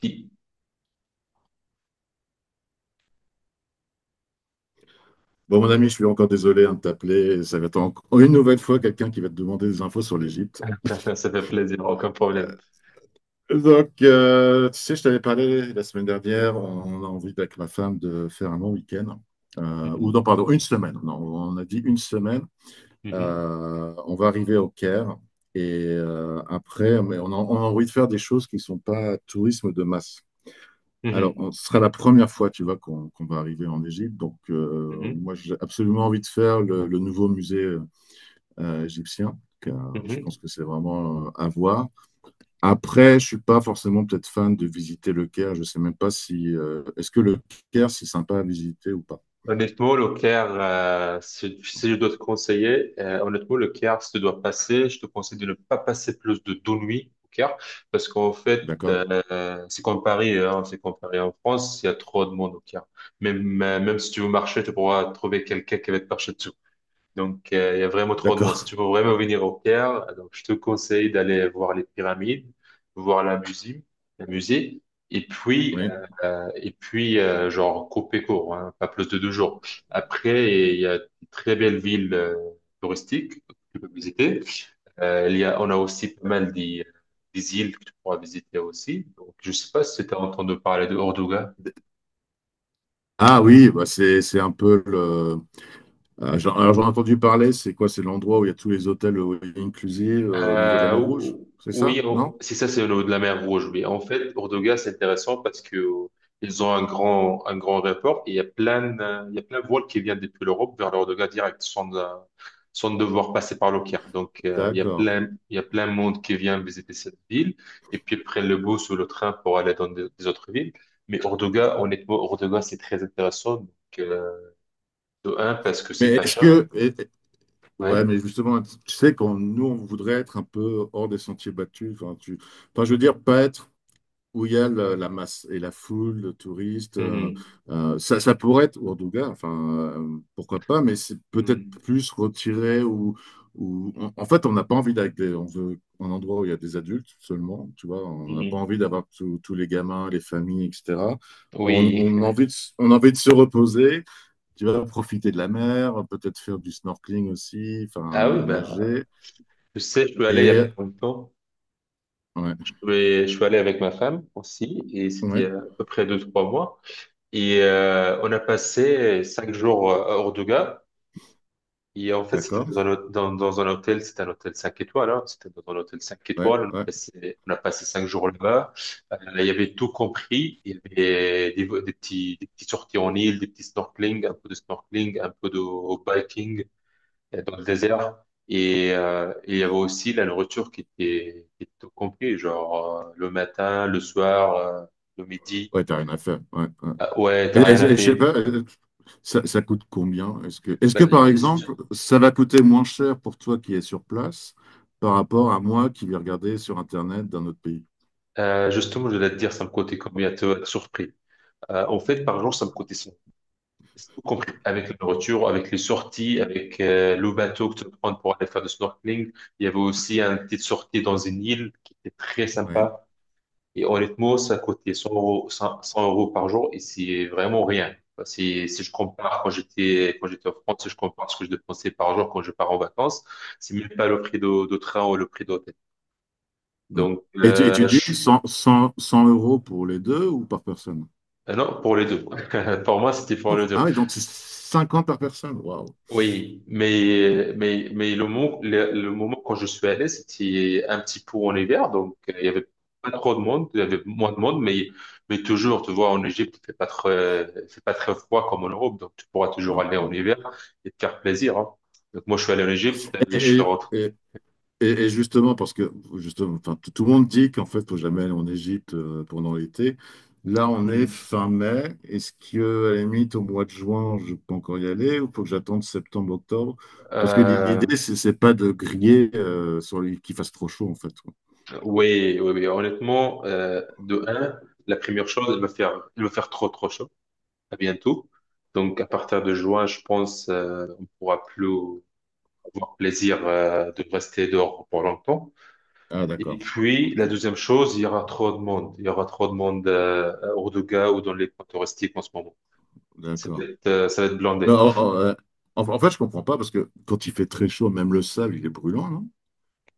Qui? Bon, mon ami, je suis encore désolé, hein, de t'appeler. Ça va être encore une nouvelle fois quelqu'un qui va te demander des infos sur l'Égypte. Ça fait plaisir, aucun problème. Donc, tu sais, je t'avais parlé la semaine dernière. On a envie avec ma femme de faire un long week-end. Ou Mhm, non, pardon, une semaine. Non, on a dit une semaine. mhm, On va arriver au Caire. Et après, mais on a envie de faire des choses qui ne sont pas tourisme de masse. Alors, mhm, ce sera la première fois, tu vois, qu'on va arriver en Égypte. Donc, mhm, moi, j'ai absolument envie de faire le nouveau musée égyptien. Donc, je mhm. pense que c'est vraiment à voir. Après, je ne suis pas forcément peut-être fan de visiter le Caire. Je ne sais même pas si est-ce que le Caire c'est sympa à visiter ou pas. Honnêtement, le Caire, si je dois te conseiller, honnêtement, le Caire, si tu dois passer, je te conseille de ne pas passer plus de deux nuits au Caire, parce qu'en fait, D'accord, c'est comme Paris, hein, c'est comme Paris en France, il y a trop de monde au Caire. Même si tu veux marcher, tu pourras trouver quelqu'un qui va te marcher. Donc, il y a vraiment trop de monde. Si d'accord. tu veux vraiment venir au Caire, donc je te conseille d'aller voir les pyramides, voir la musée, la musée, et puis, Oui. euh, euh, et puis euh, genre couper court, hein, pas plus de deux jours. Après, il y a de très belles villes touristiques que tu peux visiter. On a aussi pas mal des îles que tu pourras visiter aussi. Donc, je sais pas si tu as entendu parler de Orduga. Ah oui, bah c'est un peu le. Ah, alors j'en ai entendu parler. C'est quoi? C'est l'endroit où il y a tous les hôtels all inclusive, au niveau de la Euh, mer Rouge. ou- C'est oui, ça? Non? on- c'est ça, c'est de la mer Rouge. Mais en fait, Ordoga, c'est intéressant parce que ils ont un grand aéroport et il y a plein, il y a plein de vols qui viennent depuis l'Europe vers l'Ordoga direct, sans devoir passer par le Caire. Donc, il y a D'accord. plein, il y a plein de monde qui vient visiter cette ville et puis ils prennent le bus ou le train pour aller dans des autres villes. Mais Ordoga, honnêtement, Ordoga, c'est très intéressant. Donc, euh, de un, parce que c'est Mais pas est-ce cher. que et- ouais, Ouais. mais justement, tu sais, quand nous on voudrait être un peu hors des sentiers battus. Enfin, tu. Enfin, je veux dire pas être où il y a la masse et la foule, le touriste. Mhm. Ça, ça pourrait être Ouardougla, enfin, pourquoi pas, mais c'est peut-être Mhm. plus retiré ou en fait, on n'a pas envie d'aller, on veut un endroit où il y a des adultes seulement, tu vois, on n'a pas Mhm. envie d'avoir tous les gamins, les familles, etc. Oui. on a envie de, on a envie de se reposer, tu vois, profiter de la mer, peut-être faire du snorkeling aussi, Ah oui, enfin, ben, nager. je sais, je suis allé il y a Et, pas longtemps. ouais, Je suis allé avec ma femme aussi, et c'était ouais, à peu près deux, trois mois. Et on a passé cinq jours à Orduga. Et en fait, c'était dans d'accord, un, hô- dans, dans un hôtel, c'était un hôtel cinq étoiles, hein. C'était dans un hôtel cinq ouais, étoiles. On a ouais, passé, on a passé cinq jours là-bas. Il y avait tout compris. Il y avait des petits sorties en île, des petits snorkeling, un peu de snorkeling, un peu de biking dans le désert. Et il y avait aussi la nourriture qui était au complet, genre le matin, le soir, le midi. ouais, t'as rien à faire, ouais, ouais. Ah, ouais, t'as rien à Et je sais payer. pas, ça, ça coûte combien? Est-ce que, est-ce Bah, que, par exemple, ça va coûter moins cher pour toi qui es sur place par rapport à moi qui vais regarder sur Internet d'un autre pays? Justement, je vais te dire, ça me coûtait combien, tu vas être surpris. En fait, par jour, ça me coûtait 100. C'est tout compris, avec la nourriture, avec les sorties, avec le bateau que tu peux prendre pour aller faire du snorkeling. Il y avait aussi une petite sortie dans une île qui était très Ouais. sympa. Et honnêtement, ça coûtait 100 euros, 100 euros par jour et c'est vraiment rien. Enfin, si je compare quand j'étais en France, si je compare ce que je dépensais par jour quand je pars en vacances, c'est même pas le prix de train ou le prix d'hôtel. Non. Donc, Et tu dis 100 euros pour les deux ou par personne? Non, pour les deux. Pour moi, c'était pour Oh, les ah deux. oui, donc c'est 50 par personne. Waouh. Oui, mais le moment quand je suis allé, c'était un petit peu en hiver, donc il y avait pas trop de monde, il y avait moins de monde, mais toujours, tu vois, en Égypte, il fait pas très froid comme en Europe, donc tu pourras toujours Non, aller en non, non. hiver et te faire plaisir, hein. Donc moi, je suis allé en Égypte, je suis Et, rentré. Et justement, parce que justement, enfin, tout le monde dit qu'en fait, il faut jamais aller en Égypte pendant l'été. Là, on est Mhm. fin mai. Est-ce que, à la limite, au mois de juin, je peux encore y aller ou faut que j'attende septembre, octobre? Parce que Euh, l'idée, c'est pas de griller, sur les- qu'il fasse trop chaud, en fait. Quoi. oui, oui, oui, honnêtement, de un, la première chose, elle va faire trop, trop chaud, à bientôt. Donc, à partir de juin, je pense, on pourra plus, avoir plaisir de rester dehors pour longtemps. Ah, Et d'accord. puis, Ok, la deuxième chose, il y aura trop de monde. Il y aura trop de monde à Hurghada ou dans les coins touristiques en ce moment. Ça va d'accord. être, euh, ça va être Non, blindé. En fait, je comprends pas parce que quand il fait très chaud, même le sable, il est brûlant, non?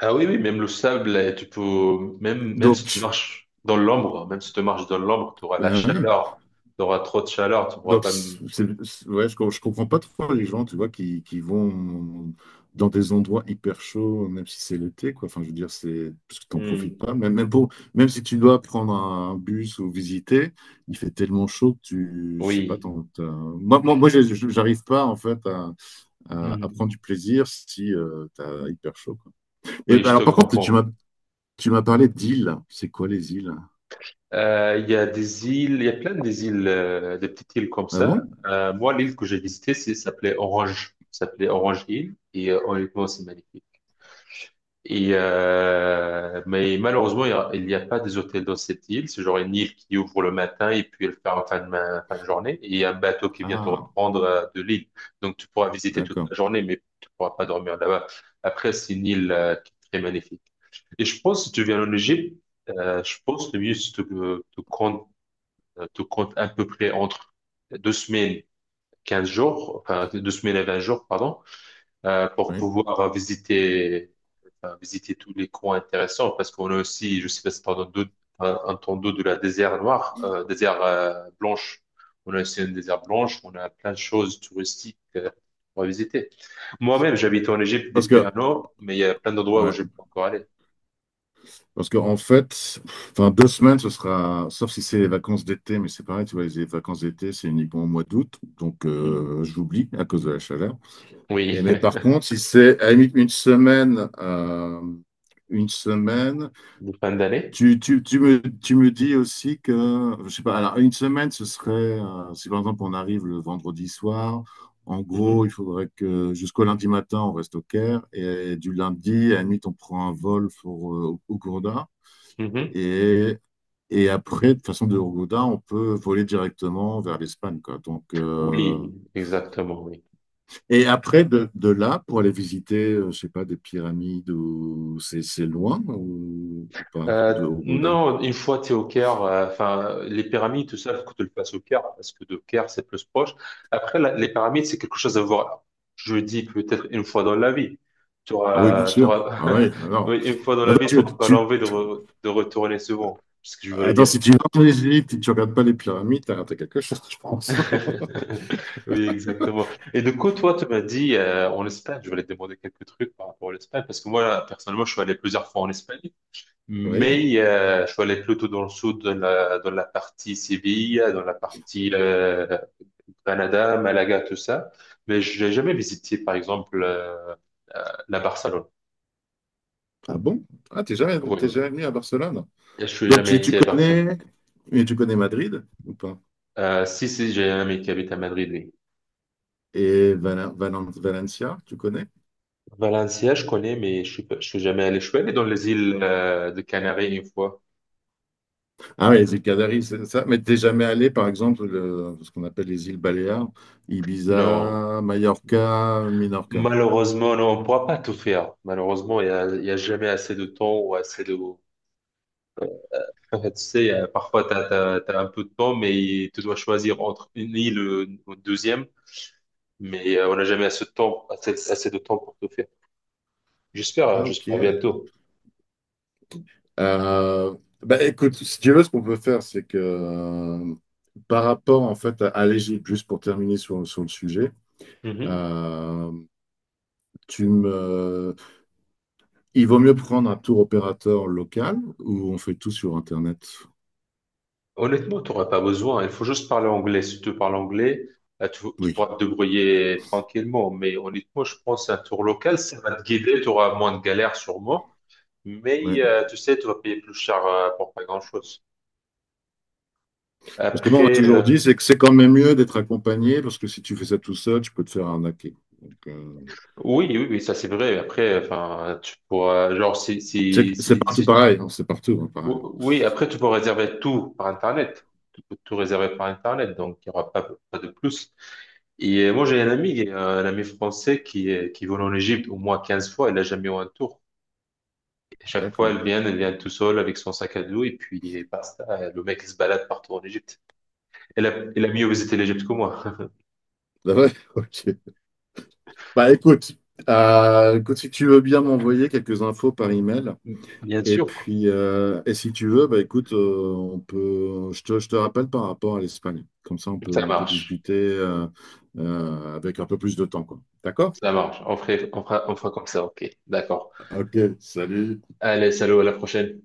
Ah oui, oui, même le sable, même si tu Donc, marches dans l'ombre, même si tu marches dans l'ombre, tu auras la chaleur. Tu auras trop de chaleur, tu pourras pas... m- c'est, ouais, je comprends pas trop les gens, tu vois, qui vont dans des endroits hyper chauds, même si c'est l'été, quoi. Enfin, je veux dire, c'est parce que t'en profites Hmm. pas. Même pour, même si tu dois prendre un bus ou visiter, il fait tellement chaud que tu, je sais pas, Oui. Moi, j'arrive pas en fait à prendre Mhm. du plaisir si t'as hyper chaud, quoi. Et Oui, ben, je te alors, par contre, comprends. tu m'as parlé d'îles. C'est quoi les îles? Il y a des îles, il y a plein des îles, des petites îles comme Ah bon? ça. Moi, l'île que j'ai visitée, s'appelait Orange. S'appelait Orange Hill. Et honnêtement, c'est magnifique. Mais malheureusement, il n'y a pas des hôtels dans cette île. C'est genre une île qui ouvre le matin et puis elle ferme en fin de journée. Et il y a un bateau qui vient te Ah, reprendre de l'île. Donc tu pourras visiter toute d'accord. la journée, mais tu pourras pas dormir là-bas. Après, c'est une île qui est très magnifique. Et je pense, si tu viens en Égypte, je pense le mieux, c'est de tout compte à peu près entre deux semaines, 15 jours, enfin deux semaines et 20 jours, pardon, pour Ouais. pouvoir visiter, enfin, visiter tous les coins intéressants, parce qu'on a aussi, je sais pas si t'as entendu, de la désert noire, désert blanche. On a aussi une désert blanche, on a plein de choses touristiques à visiter. Moi-même, j'habite en Égypte Parce depuis que, un an, mais il y a plein d'endroits où ouais. je peux encore aller. Parce que en fait, enfin 2 semaines, ce sera, sauf si c'est les vacances d'été, mais c'est pareil, tu vois, les vacances d'été, c'est uniquement au mois d'août, donc Mm. J'oublie à cause de la chaleur. Et Oui, mais par contre, si c'est à la limite 1 semaine, une semaine, de fin d'année. Tu me dis aussi que, je sais pas, alors 1 semaine, ce serait, si par exemple on arrive le vendredi soir, en gros, il Mhm. faudrait que jusqu'au lundi matin, on reste au Caire, et du lundi, à la limite, on prend un vol pour, au Gourda. Mhm. Et et après, de façon de Hurghada, on peut voler directement vers l'Espagne, quoi. Donc, Oui, exactement, oui. et après, de là, pour aller visiter, je sais pas, des pyramides, ou c'est loin ou pas, de Euh, Hurghada? non, une fois tu es au Caire, enfin, les pyramides, tout ça, faut que tu le fasses au Caire, parce que de Caire, c'est plus proche. Après, les pyramides, c'est quelque chose à voir. Je dis peut-être une fois dans la vie. Tu Ah oui, bien auras, tu sûr. auras... Ah oui, alors. Oui, une fois dans la Attends, vie, tu tu, n'auras pas tu- l'envie de retourner souvent. C'est ce que je voulais Attends, dire. si tu vas en Égypte et tu regardes pas les pyramides, t'as raté quelque chose, je pense. Oui, exactement. Et du coup, toi, tu m'as dit en Espagne, je voulais te demander quelques trucs par rapport à l'Espagne, parce que moi, personnellement, je suis allé plusieurs fois en Espagne. Oui. Mais je suis allé plutôt dans le sud, dans la partie Séville, dans la partie Granada, Malaga, tout ça. Mais j'ai jamais visité, par exemple, euh, la Barcelone. Ah bon? Ah, t'es déjà Oui, venu à Barcelone. je suis Donc, jamais tu été à Barcelone. connais... mais tu connais Madrid ou pas? Si, si, j'ai un ami qui habite à Madrid, oui. Et Valencia, tu connais? Valencia, je connais, mais je suis jamais allé. Je suis allé dans les îles de Canaries une fois. Ah oui, les îles Canaries, c'est ça. Mais t'es jamais allé, par exemple, ce qu'on appelle les îles Baléares, Non. Ibiza, Mallorca, Minorca. Malheureusement, non, on ne pourra pas tout faire. Malheureusement, il y a jamais assez de temps ou assez de. Tu sais, parfois, tu as un peu de temps, mais tu dois choisir entre une île ou une deuxième. Mais on n'a jamais assez de temps pour tout faire. J'espère, euh, Ah, ok. j'espère bientôt. Euh, bah, écoute, si tu veux, ce qu'on peut faire, c'est que par rapport en fait à l'Égypte, juste pour terminer sur le sujet, Mhm. euh, tu me... il vaut mieux prendre un tour opérateur local ou on fait tout sur Internet? Honnêtement, tu n'auras pas besoin. Il faut juste parler anglais. Si tu parles anglais, tu Oui. pourras te débrouiller tranquillement. Mais honnêtement, je pense un tour local, ça va te guider. Tu auras moins de galères sûrement. Mais tu sais, tu vas payer plus cher pour pas grand-chose. Parce que moi, on m'a Après, toujours dit, c'est que c'est quand même mieux d'être accompagné, parce que si tu fais ça tout seul, tu peux te faire arnaquer. Donc, oui, oui, oui, ça c'est vrai. Après, enfin, tu pourras, genre, c'est partout pareil, hein, c'est partout, hein, pareil. Oui, après, tu peux réserver tout par Internet. Tu peux tout réserver par Internet, donc il n'y aura pas de plus. Et moi, j'ai un ami français qui vole en Égypte au moins 15 fois. Elle n'a jamais eu un tour. Et chaque fois, D'accord. elle vient tout seule avec son sac à dos et puis basta. Le mec, il se balade partout en Égypte. Elle a, elle a mieux visité l'Égypte que moi. Ah ouais, ok. Bah écoute, écoute, si tu veux bien m'envoyer quelques infos par email, Bien et sûr. puis et si tu veux, bah écoute, on peut, je te rappelle par rapport à l'Espagne. Comme ça, Ça on peut marche. discuter avec un peu plus de temps, quoi. D'accord? Ça marche. On fera comme ça. OK. D'accord. Ok, salut. Allez, salut, à la prochaine.